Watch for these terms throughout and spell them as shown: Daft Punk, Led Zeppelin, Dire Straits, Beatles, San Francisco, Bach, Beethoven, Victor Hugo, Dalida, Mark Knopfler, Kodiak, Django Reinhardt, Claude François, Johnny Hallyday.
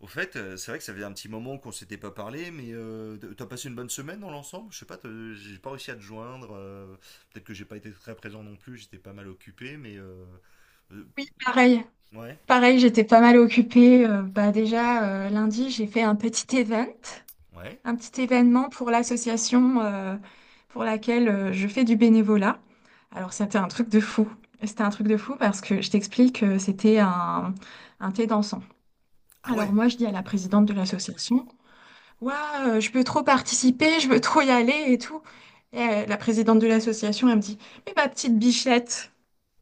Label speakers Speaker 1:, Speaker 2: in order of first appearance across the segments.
Speaker 1: Au fait, c'est vrai que ça faisait un petit moment qu'on s'était pas parlé, mais t'as passé une bonne semaine dans l'ensemble? Je sais pas, j'ai pas réussi à te joindre. Peut-être que j'ai pas été très présent non plus, j'étais pas mal occupé, mais euh,
Speaker 2: Pareil,
Speaker 1: ouais,
Speaker 2: pareil, j'étais pas mal occupée. Bah déjà, lundi, j'ai fait un petit event,
Speaker 1: ouais.
Speaker 2: un petit événement pour l'association pour laquelle je fais du bénévolat. Alors, c'était un truc de fou. C'était un truc de fou parce que je t'explique, c'était un thé dansant.
Speaker 1: Ah
Speaker 2: Alors
Speaker 1: ouais.
Speaker 2: moi, je dis à la présidente de l'association, Ouah, je peux trop participer, je veux trop y aller et tout. Et la présidente de l'association, elle me dit, mais ma petite bichette.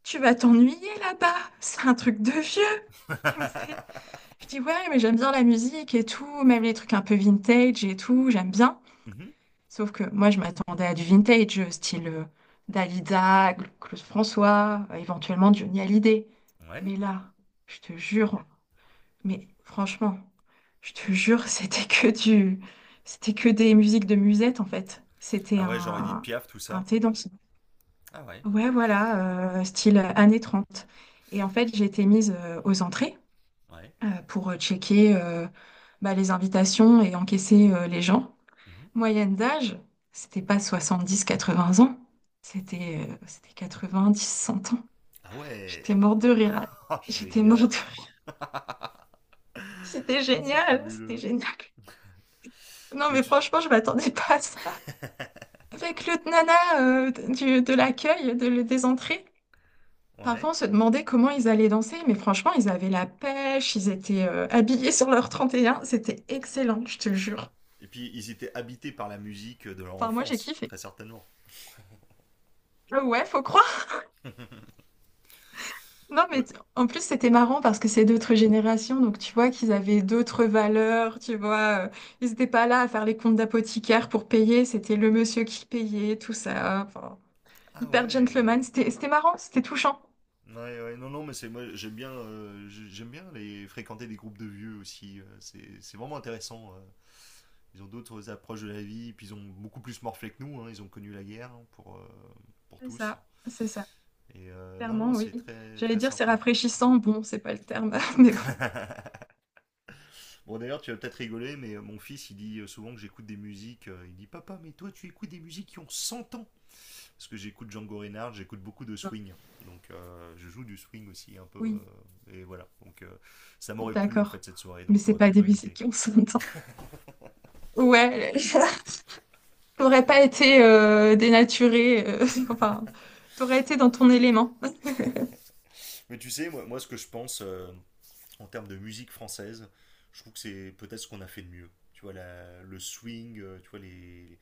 Speaker 2: Tu vas t'ennuyer là-bas, c'est un truc de vieux. Elle me fait, je dis ouais, mais j'aime bien la musique et tout, même les trucs un peu vintage et tout, j'aime bien.
Speaker 1: Mhm.
Speaker 2: Sauf que moi, je m'attendais à du vintage, style Dalida, Claude François, éventuellement Johnny Hallyday.
Speaker 1: Ouais.
Speaker 2: Mais là, je te jure, mais franchement, je te jure, c'était que des musiques de musette en fait. C'était
Speaker 1: Ah ouais, j'aurais dit de Piaf tout
Speaker 2: un
Speaker 1: ça.
Speaker 2: thé dans-
Speaker 1: Ah ouais,
Speaker 2: Ouais, voilà, style années 30. Et en fait, j'ai été mise aux entrées
Speaker 1: ouais.
Speaker 2: pour checker bah, les invitations et encaisser les gens.
Speaker 1: Mhm.
Speaker 2: Moyenne d'âge, c'était pas 70-80 ans, c'était 10 100 ans.
Speaker 1: Ah
Speaker 2: J'étais
Speaker 1: ouais.
Speaker 2: morte de rire.
Speaker 1: Oh,
Speaker 2: J'étais morte de
Speaker 1: génial.
Speaker 2: rire.
Speaker 1: Ah,
Speaker 2: C'était
Speaker 1: c'est
Speaker 2: génial, c'était
Speaker 1: fabuleux.
Speaker 2: génial. Non,
Speaker 1: Mais
Speaker 2: mais
Speaker 1: tu-
Speaker 2: franchement, je m'attendais pas à ça. Avec le nana de l'accueil, des entrées. Parfois,
Speaker 1: Ouais.
Speaker 2: on se demandait comment ils allaient danser, mais franchement, ils avaient la pêche, ils étaient habillés sur leur 31. C'était excellent, je te le jure.
Speaker 1: Et puis ils étaient habités par la musique de leur
Speaker 2: Enfin, moi, j'ai
Speaker 1: enfance,
Speaker 2: kiffé.
Speaker 1: très certainement.
Speaker 2: Ouais, faut croire. Non,
Speaker 1: Bah,
Speaker 2: mais en plus, c'était marrant parce que c'est d'autres générations, donc tu vois qu'ils avaient d'autres valeurs, tu vois. Ils n'étaient pas là à faire les comptes d'apothicaire pour payer, c'était le monsieur qui payait, tout ça. Enfin,
Speaker 1: ah
Speaker 2: hyper
Speaker 1: ouais.
Speaker 2: gentleman, c'était marrant, c'était touchant.
Speaker 1: Ouais, ouais, non, non, mais c'est moi j'aime bien, j'aime bien les fréquenter des groupes de vieux aussi. C'est vraiment intéressant. Ils ont d'autres approches de la vie, puis ils ont beaucoup plus morflé que nous, hein, ils ont connu la guerre hein, pour tous.
Speaker 2: C'est ça,
Speaker 1: Et non, non,
Speaker 2: clairement, oui.
Speaker 1: c'est très
Speaker 2: J'allais
Speaker 1: très
Speaker 2: dire c'est
Speaker 1: sympa.
Speaker 2: rafraîchissant, bon, c'est pas le terme, mais bon.
Speaker 1: Bon, d'ailleurs, tu vas peut-être rigoler, mais mon fils, il dit souvent que j'écoute des musiques. Euh, il dit, papa, mais toi, tu écoutes des musiques qui ont 100 ans. Parce que j'écoute Django Reinhardt, j'écoute beaucoup de swing. Donc je joue du swing aussi un peu.
Speaker 2: Oui.
Speaker 1: Et voilà. Donc ça m'aurait plu en
Speaker 2: D'accord.
Speaker 1: fait cette soirée.
Speaker 2: Mais
Speaker 1: Donc
Speaker 2: c'est
Speaker 1: t'aurais
Speaker 2: pas
Speaker 1: pu
Speaker 2: des
Speaker 1: m'inviter.
Speaker 2: musiques on s'entend. Ouais, t'aurais pas été dénaturé, enfin, t'aurais été dans ton élément.
Speaker 1: Mais tu sais, moi ce que je pense, en termes de musique française, je trouve que c'est peut-être ce qu'on a fait de mieux. Tu vois, le swing, tu vois,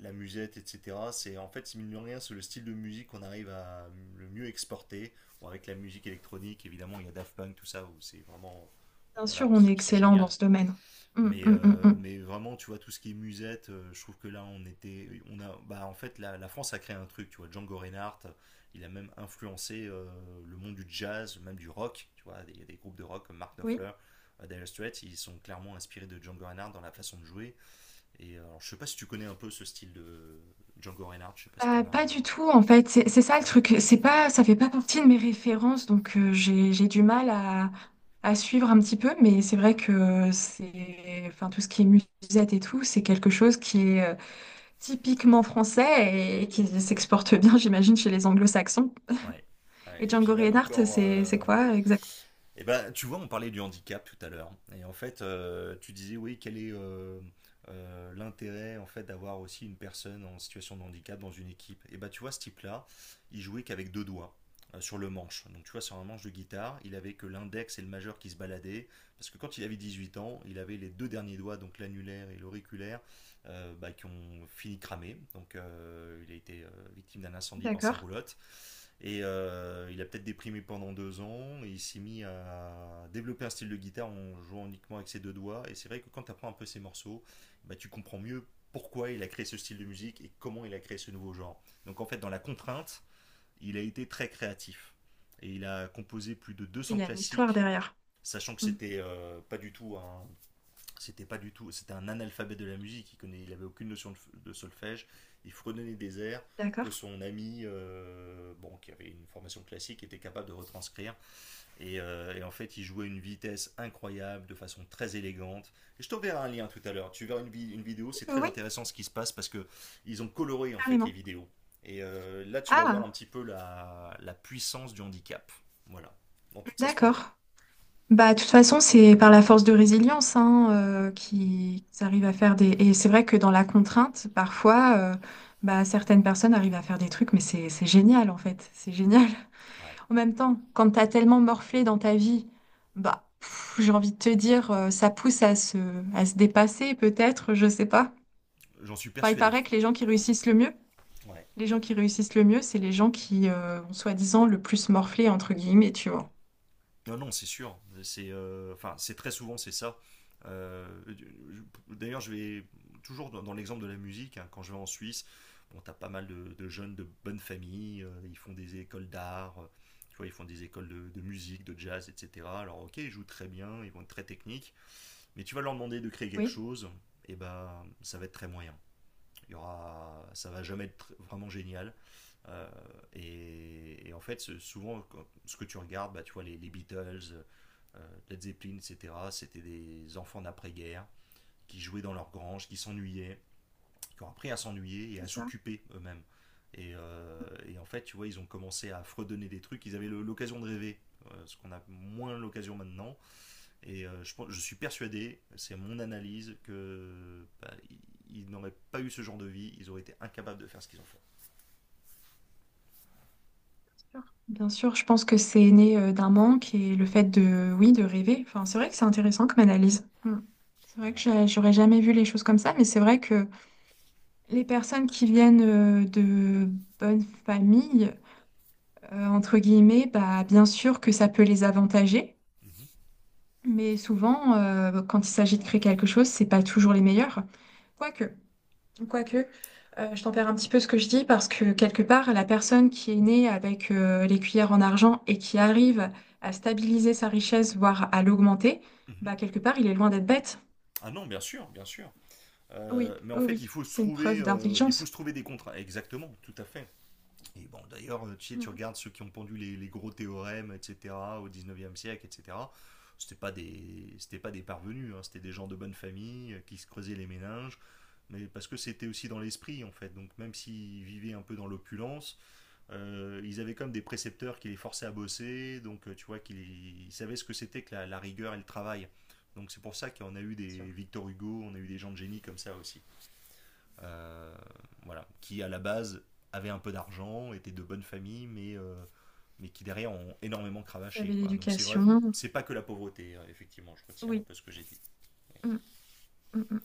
Speaker 1: la musette, etc. C'est en fait, mine de rien, c'est le style de musique qu'on arrive à le mieux exporter. Bon, avec la musique électronique, évidemment, il y a Daft Punk, tout ça, où c'est vraiment.
Speaker 2: Bien sûr,
Speaker 1: Voilà,
Speaker 2: on est
Speaker 1: c'est
Speaker 2: excellent dans
Speaker 1: génial.
Speaker 2: ce domaine. Hum, hum, hum, hum.
Speaker 1: Mais vraiment, tu vois, tout ce qui est musette, je trouve que là, on était. On a, bah, en fait, la France a créé un truc, tu vois. Django Reinhardt, il a même influencé le monde du jazz, même du rock, tu vois. Il y a des groupes de rock comme Mark
Speaker 2: Oui.
Speaker 1: Knopfler, Dire Straits, ils sont clairement inspirés de Django Reinhardt dans la façon de jouer. Et alors, je sais pas si tu connais un peu ce style de Django Reinhardt, je sais pas si
Speaker 2: Bah,
Speaker 1: t'en
Speaker 2: pas
Speaker 1: as.
Speaker 2: du tout, en fait. C'est ça le
Speaker 1: Ah ouais.
Speaker 2: truc. C'est pas, ça fait pas partie de mes références, donc j'ai du mal à suivre un petit peu. Mais c'est vrai que c'est, enfin, tout ce qui est musette et tout, c'est quelque chose qui est typiquement français et qui s'exporte bien, j'imagine, chez les anglo-saxons.
Speaker 1: Ouais.
Speaker 2: Et
Speaker 1: Ouais, et puis
Speaker 2: Django
Speaker 1: même
Speaker 2: Reinhardt,
Speaker 1: encore,
Speaker 2: c'est
Speaker 1: euh.
Speaker 2: quoi exact?
Speaker 1: Et ben, tu vois, on parlait du handicap tout à l'heure. Et en fait, tu disais, oui, quel est l'intérêt en fait d'avoir aussi une personne en situation de handicap dans une équipe. Et ben, tu vois, ce type-là, il jouait qu'avec deux doigts sur le manche. Donc, tu vois, sur un manche de guitare, il avait que l'index et le majeur qui se baladaient. Parce que quand il avait 18 ans, il avait les deux derniers doigts, donc l'annulaire et l'auriculaire, bah, qui ont fini cramé. Donc il a été victime d'un incendie dans sa
Speaker 2: D'accord.
Speaker 1: roulotte. Et il a peut-être déprimé pendant deux ans et il s'est mis à développer un style de guitare en jouant uniquement avec ses deux doigts. Et c'est vrai que quand tu apprends un peu ses morceaux, bah, tu comprends mieux pourquoi il a créé ce style de musique et comment il a créé ce nouveau genre. Donc en fait, dans la contrainte, il a été très créatif. Et il a composé plus de
Speaker 2: Il
Speaker 1: 200
Speaker 2: y a une histoire
Speaker 1: classiques,
Speaker 2: derrière.
Speaker 1: sachant que
Speaker 2: Hmm.
Speaker 1: c'était pas du tout un, c'était pas du tout, c'était un analphabète de la musique. Il avait aucune notion de solfège. Il fredonnait des airs que
Speaker 2: D'accord.
Speaker 1: son ami, bon, qui avait une formation classique, était capable de retranscrire. Et en fait, il jouait une vitesse incroyable, de façon très élégante. Et je t'enverrai un lien tout à l'heure. Tu verras une vidéo. C'est très
Speaker 2: Oui,
Speaker 1: intéressant ce qui se passe parce que ils ont coloré en fait les
Speaker 2: carrément.
Speaker 1: vidéos. Et là, tu vas voir un
Speaker 2: Ah,
Speaker 1: petit peu la puissance du handicap. Voilà, dans toute sa
Speaker 2: d'accord.
Speaker 1: splendeur.
Speaker 2: Bah, de toute façon, c'est par la force de résilience hein, qu'ils arrivent à faire des. Et c'est vrai que dans la contrainte, parfois, bah, certaines personnes arrivent à faire des trucs, mais c'est génial en fait. C'est génial.
Speaker 1: Ouais.
Speaker 2: En même temps, quand t'as tellement morflé dans ta vie, bah, pff, j'ai envie de te dire, ça pousse à se, dépasser peut-être, je sais pas.
Speaker 1: J'en suis
Speaker 2: Enfin, il
Speaker 1: persuadé.
Speaker 2: paraît que les gens qui réussissent le mieux,
Speaker 1: Ouais.
Speaker 2: Les gens qui réussissent le mieux, c'est les gens qui ont soi-disant le plus morflé, entre guillemets, tu vois.
Speaker 1: Non, non, c'est sûr. C'est, enfin, c'est très souvent c'est ça. D'ailleurs, je vais toujours dans l'exemple de la musique, hein, quand je vais en Suisse, bon, t'as pas mal de jeunes de bonnes familles. Ils font des écoles d'art. Tu vois, ils font des écoles de musique, de jazz, etc. Alors, ok, ils jouent très bien, ils vont être très techniques, mais tu vas leur demander de créer quelque
Speaker 2: Oui,
Speaker 1: chose, et ben, ça va être très moyen. Il y aura, ça va jamais être vraiment génial. Euh, En fait, souvent, ce que tu regardes, bah, tu vois, les Beatles, euh, Led Zeppelin, etc., c'était des enfants d'après-guerre qui jouaient dans leur grange, qui s'ennuyaient, qui ont appris à s'ennuyer et
Speaker 2: c'est
Speaker 1: à
Speaker 2: ça,
Speaker 1: s'occuper eux-mêmes. Et en fait, tu vois, ils ont commencé à fredonner des trucs, ils avaient l'occasion de rêver, ce qu'on a moins l'occasion maintenant. Et je suis persuadé, c'est mon analyse, que bah, ils n'auraient pas eu ce genre de vie, ils auraient été incapables de faire ce qu'ils ont fait.
Speaker 2: c'est sûr. Bien sûr, je pense que c'est né d'un manque et le fait de, oui, de rêver. Enfin, c'est vrai que c'est intéressant comme analyse. Hmm. C'est vrai que j'aurais jamais vu les choses comme ça, mais c'est vrai que les personnes qui viennent de bonnes familles, entre guillemets, bah, bien sûr que ça peut les avantager,
Speaker 1: Mhm.
Speaker 2: mais souvent, quand il s'agit de créer quelque chose, c'est pas toujours les meilleurs. Quoique. Quoique, je tempère un petit peu ce que je dis parce que quelque part, la personne qui est née avec les cuillères en argent et qui arrive à stabiliser sa richesse, voire à l'augmenter,
Speaker 1: Mhm.
Speaker 2: bah quelque part, il est loin d'être bête.
Speaker 1: Ah non, bien sûr, bien sûr.
Speaker 2: Oui,
Speaker 1: Mais en
Speaker 2: oui,
Speaker 1: fait,
Speaker 2: oui, c'est une preuve
Speaker 1: il faut
Speaker 2: d'intelligence.
Speaker 1: se trouver des contrats. Exactement, tout à fait. Et bon, d'ailleurs, tu sais,
Speaker 2: Mm,
Speaker 1: tu regardes ceux qui ont pendu les gros théorèmes, etc., au 19e siècle, etc. C'était pas des parvenus, hein, c'était des gens de bonne famille qui se creusaient les méninges, mais parce que c'était aussi dans l'esprit, en fait. Donc, même s'ils vivaient un peu dans l'opulence, ils avaient comme des précepteurs qui les forçaient à bosser, donc tu vois qu'ils ils savaient ce que c'était que la rigueur et le travail. Donc c'est pour ça qu'on a eu
Speaker 2: sûr.
Speaker 1: des Victor Hugo, on a eu des gens de génie comme ça aussi. Euh, voilà, qui à la base avaient un peu d'argent, étaient de bonnes familles, mais qui derrière ont énormément
Speaker 2: Il y
Speaker 1: cravaché.
Speaker 2: avait
Speaker 1: Quoi. Donc c'est vrai,
Speaker 2: l'éducation.
Speaker 1: c'est pas que la pauvreté, effectivement, je retire un
Speaker 2: Oui.
Speaker 1: peu ce que j'ai dit. Ouais,
Speaker 2: Mm, mm, mm.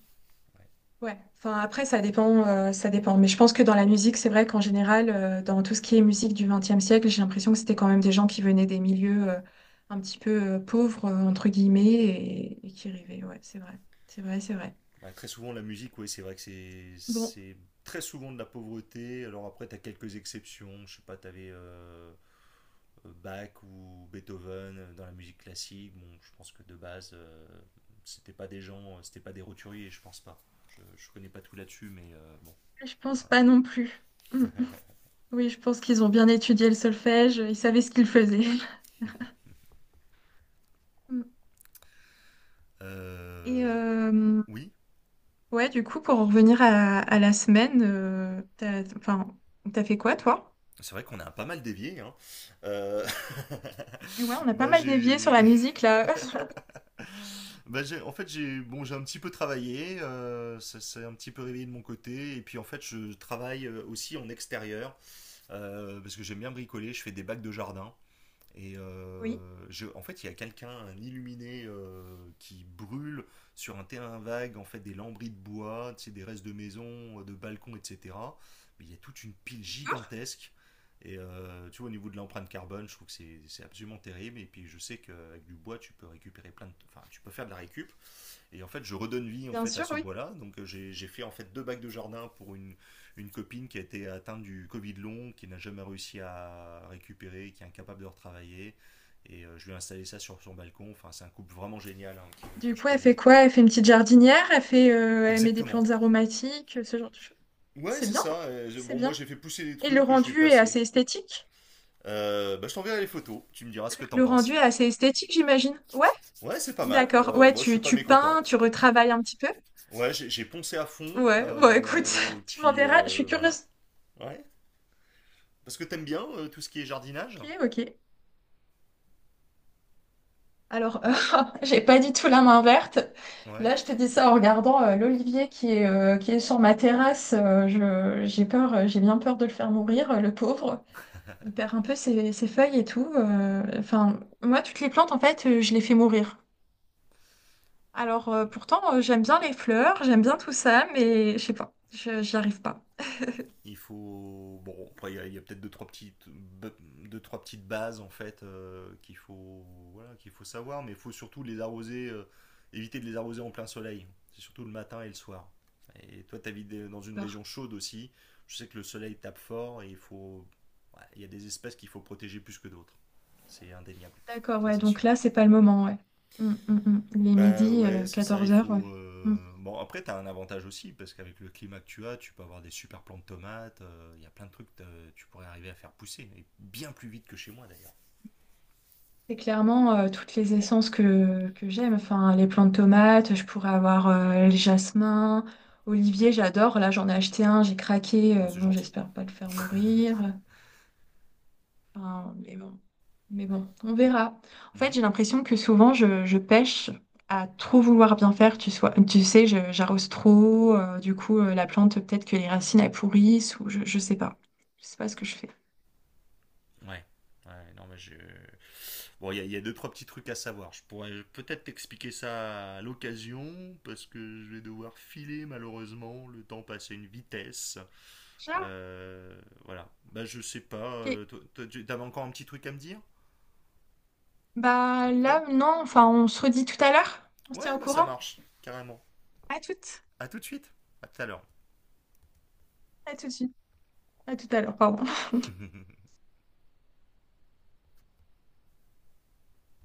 Speaker 1: ouais.
Speaker 2: Ouais, enfin après ça dépend, ça dépend. Mais je pense que dans la musique, c'est vrai qu'en général, dans tout ce qui est musique du XXe siècle, j'ai l'impression que c'était quand même des gens qui venaient des milieux un petit peu pauvres entre guillemets et qui rêvaient. Ouais, c'est vrai, c'est vrai, c'est vrai.
Speaker 1: Ouais, très souvent la musique, oui, c'est vrai que
Speaker 2: Bon,
Speaker 1: c'est très souvent de la pauvreté. Alors après, t'as quelques exceptions, je sais pas, t'avais. Bach ou Beethoven dans la musique classique, bon, je pense que de base, c'était pas des roturiers, je pense pas. Je connais pas tout là-dessus, mais bon.
Speaker 2: je pense pas non plus. Mm. Oui, je pense qu'ils ont bien étudié le solfège, ils savaient ce qu'ils faisaient. Mm. Et
Speaker 1: Euh, oui,
Speaker 2: ouais, du coup, pour en revenir à la semaine, enfin, t'as fait quoi toi?
Speaker 1: c'est vrai qu'on a pas mal dévié, hein. Euh,
Speaker 2: Ouais, on a pas
Speaker 1: bah
Speaker 2: mal dévié sur
Speaker 1: j'ai,
Speaker 2: la musique là.
Speaker 1: bah j'ai, en fait j'ai, bon j'ai un petit peu travaillé, ça s'est un petit peu réveillé de mon côté, et puis en fait je travaille aussi en extérieur parce que j'aime bien bricoler. Je fais des bacs de jardin. Et
Speaker 2: Oui.
Speaker 1: en fait, il y a quelqu'un, un illuminé, qui brûle sur un terrain vague, en fait, des lambris de bois, tu sais, des restes de maisons, de balcons, etc. Mais il y a toute une pile
Speaker 2: D'accord.
Speaker 1: gigantesque. Et tu vois, au niveau de l'empreinte carbone, je trouve que c'est absolument terrible. Et puis, je sais qu'avec du bois, tu peux récupérer plein de. Enfin, tu peux faire de la récup. Et en fait, je redonne vie en
Speaker 2: Bien
Speaker 1: fait à
Speaker 2: sûr,
Speaker 1: ce
Speaker 2: oui.
Speaker 1: bois-là. Donc, j'ai fait en fait deux bacs de jardin pour une copine qui a été atteinte du Covid long, qui n'a jamais réussi à récupérer, qui est incapable de retravailler. Et je lui ai installé ça sur son balcon. Enfin, c'est un couple vraiment génial hein, que
Speaker 2: Du
Speaker 1: je
Speaker 2: coup, elle fait
Speaker 1: connais.
Speaker 2: quoi? Elle fait, une petite jardinière, elle met des
Speaker 1: Exactement.
Speaker 2: plantes aromatiques, ce genre de choses.
Speaker 1: Ouais,
Speaker 2: C'est
Speaker 1: c'est
Speaker 2: bien,
Speaker 1: ça.
Speaker 2: c'est
Speaker 1: Bon, moi,
Speaker 2: bien.
Speaker 1: j'ai fait pousser des
Speaker 2: Et le
Speaker 1: trucs, je vais
Speaker 2: rendu est
Speaker 1: passer.
Speaker 2: assez esthétique?
Speaker 1: Bah, je t'enverrai les photos. Tu me diras ce que t'en
Speaker 2: Le rendu est
Speaker 1: penses.
Speaker 2: assez esthétique, j'imagine. Ouais,
Speaker 1: Ouais, c'est pas mal.
Speaker 2: d'accord. Ouais,
Speaker 1: Moi, je suis
Speaker 2: tu,
Speaker 1: pas
Speaker 2: tu
Speaker 1: mécontent.
Speaker 2: peins, tu retravailles un petit peu.
Speaker 1: Ouais, j'ai poncé à fond.
Speaker 2: Ouais, bon, écoute,
Speaker 1: Et
Speaker 2: tu
Speaker 1: puis,
Speaker 2: m'enverras, je suis
Speaker 1: voilà.
Speaker 2: curieuse.
Speaker 1: Ouais. Parce que t'aimes bien tout ce qui est jardinage.
Speaker 2: Ok, ok. Alors, j'ai pas du tout la main verte.
Speaker 1: Ouais.
Speaker 2: Là, je te dis ça en regardant l'olivier qui est sur ma terrasse. J'ai bien peur de le faire mourir, le pauvre. Il perd un peu ses feuilles et tout. Enfin, moi, toutes les plantes, en fait, je les fais mourir. Alors, pourtant, j'aime bien les fleurs, j'aime bien tout ça, mais je sais pas, j'y arrive pas.
Speaker 1: Il faut. Bon, après, il y a peut-être deux, trois petites bases, en fait, qu'il faut... Voilà, qu'il faut savoir, mais il faut surtout les arroser, éviter de les arroser en plein soleil. C'est surtout le matin et le soir. Et toi, t'habites dans une
Speaker 2: D'accord.
Speaker 1: région chaude aussi. Je sais que le soleil tape fort et il faut. Ouais, il y a des espèces qu'il faut protéger plus que d'autres. C'est indéniable.
Speaker 2: D'accord,
Speaker 1: Ça,
Speaker 2: ouais,
Speaker 1: c'est
Speaker 2: donc
Speaker 1: sûr.
Speaker 2: là, c'est pas le moment, ouais. Mm, mm, mm. Il est
Speaker 1: Bah
Speaker 2: midi,
Speaker 1: ouais, c'est ça, il
Speaker 2: 14 heures ouais.
Speaker 1: faut...
Speaker 2: Mm.
Speaker 1: Bon, après, t'as un avantage aussi, parce qu'avec le climat que tu as, tu peux avoir des super plants de tomates, il y a plein de trucs que tu pourrais arriver à faire pousser, et bien plus vite que chez moi d'ailleurs.
Speaker 2: C'est clairement toutes les essences que j'aime. Enfin, les plantes tomates, je pourrais avoir les jasmins, olivier, j'adore. Là, j'en ai acheté un, j'ai craqué.
Speaker 1: Bah, c'est
Speaker 2: Bon,
Speaker 1: gentil.
Speaker 2: j'espère pas le faire mourir. Enfin, mais
Speaker 1: Ouais.
Speaker 2: bon, on verra. En fait,
Speaker 1: Mhm.
Speaker 2: j'ai l'impression que souvent, je pêche à trop vouloir bien faire. Tu sais, j'arrose trop. Du coup, la plante, peut-être que les racines, elles pourrissent ou je sais pas. Je sais pas ce que je fais.
Speaker 1: Ouais. Ouais, non, mais je. Bon, il y a deux, trois petits trucs à savoir. Je pourrais peut-être t'expliquer ça à l'occasion, parce que je vais devoir filer malheureusement, le temps passe à une vitesse.
Speaker 2: Ah,
Speaker 1: Euh, voilà. Bah je sais pas,
Speaker 2: ok.
Speaker 1: toi, t'avais encore un petit truc à me dire?
Speaker 2: Bah
Speaker 1: Vite fait.
Speaker 2: là, non. Enfin, on se redit tout à l'heure. On se
Speaker 1: Ouais,
Speaker 2: tient au
Speaker 1: bah ça
Speaker 2: courant.
Speaker 1: marche, carrément.
Speaker 2: À toutes.
Speaker 1: À tout de suite, à tout à l'heure.
Speaker 2: À tout de suite. À tout à l'heure, pardon.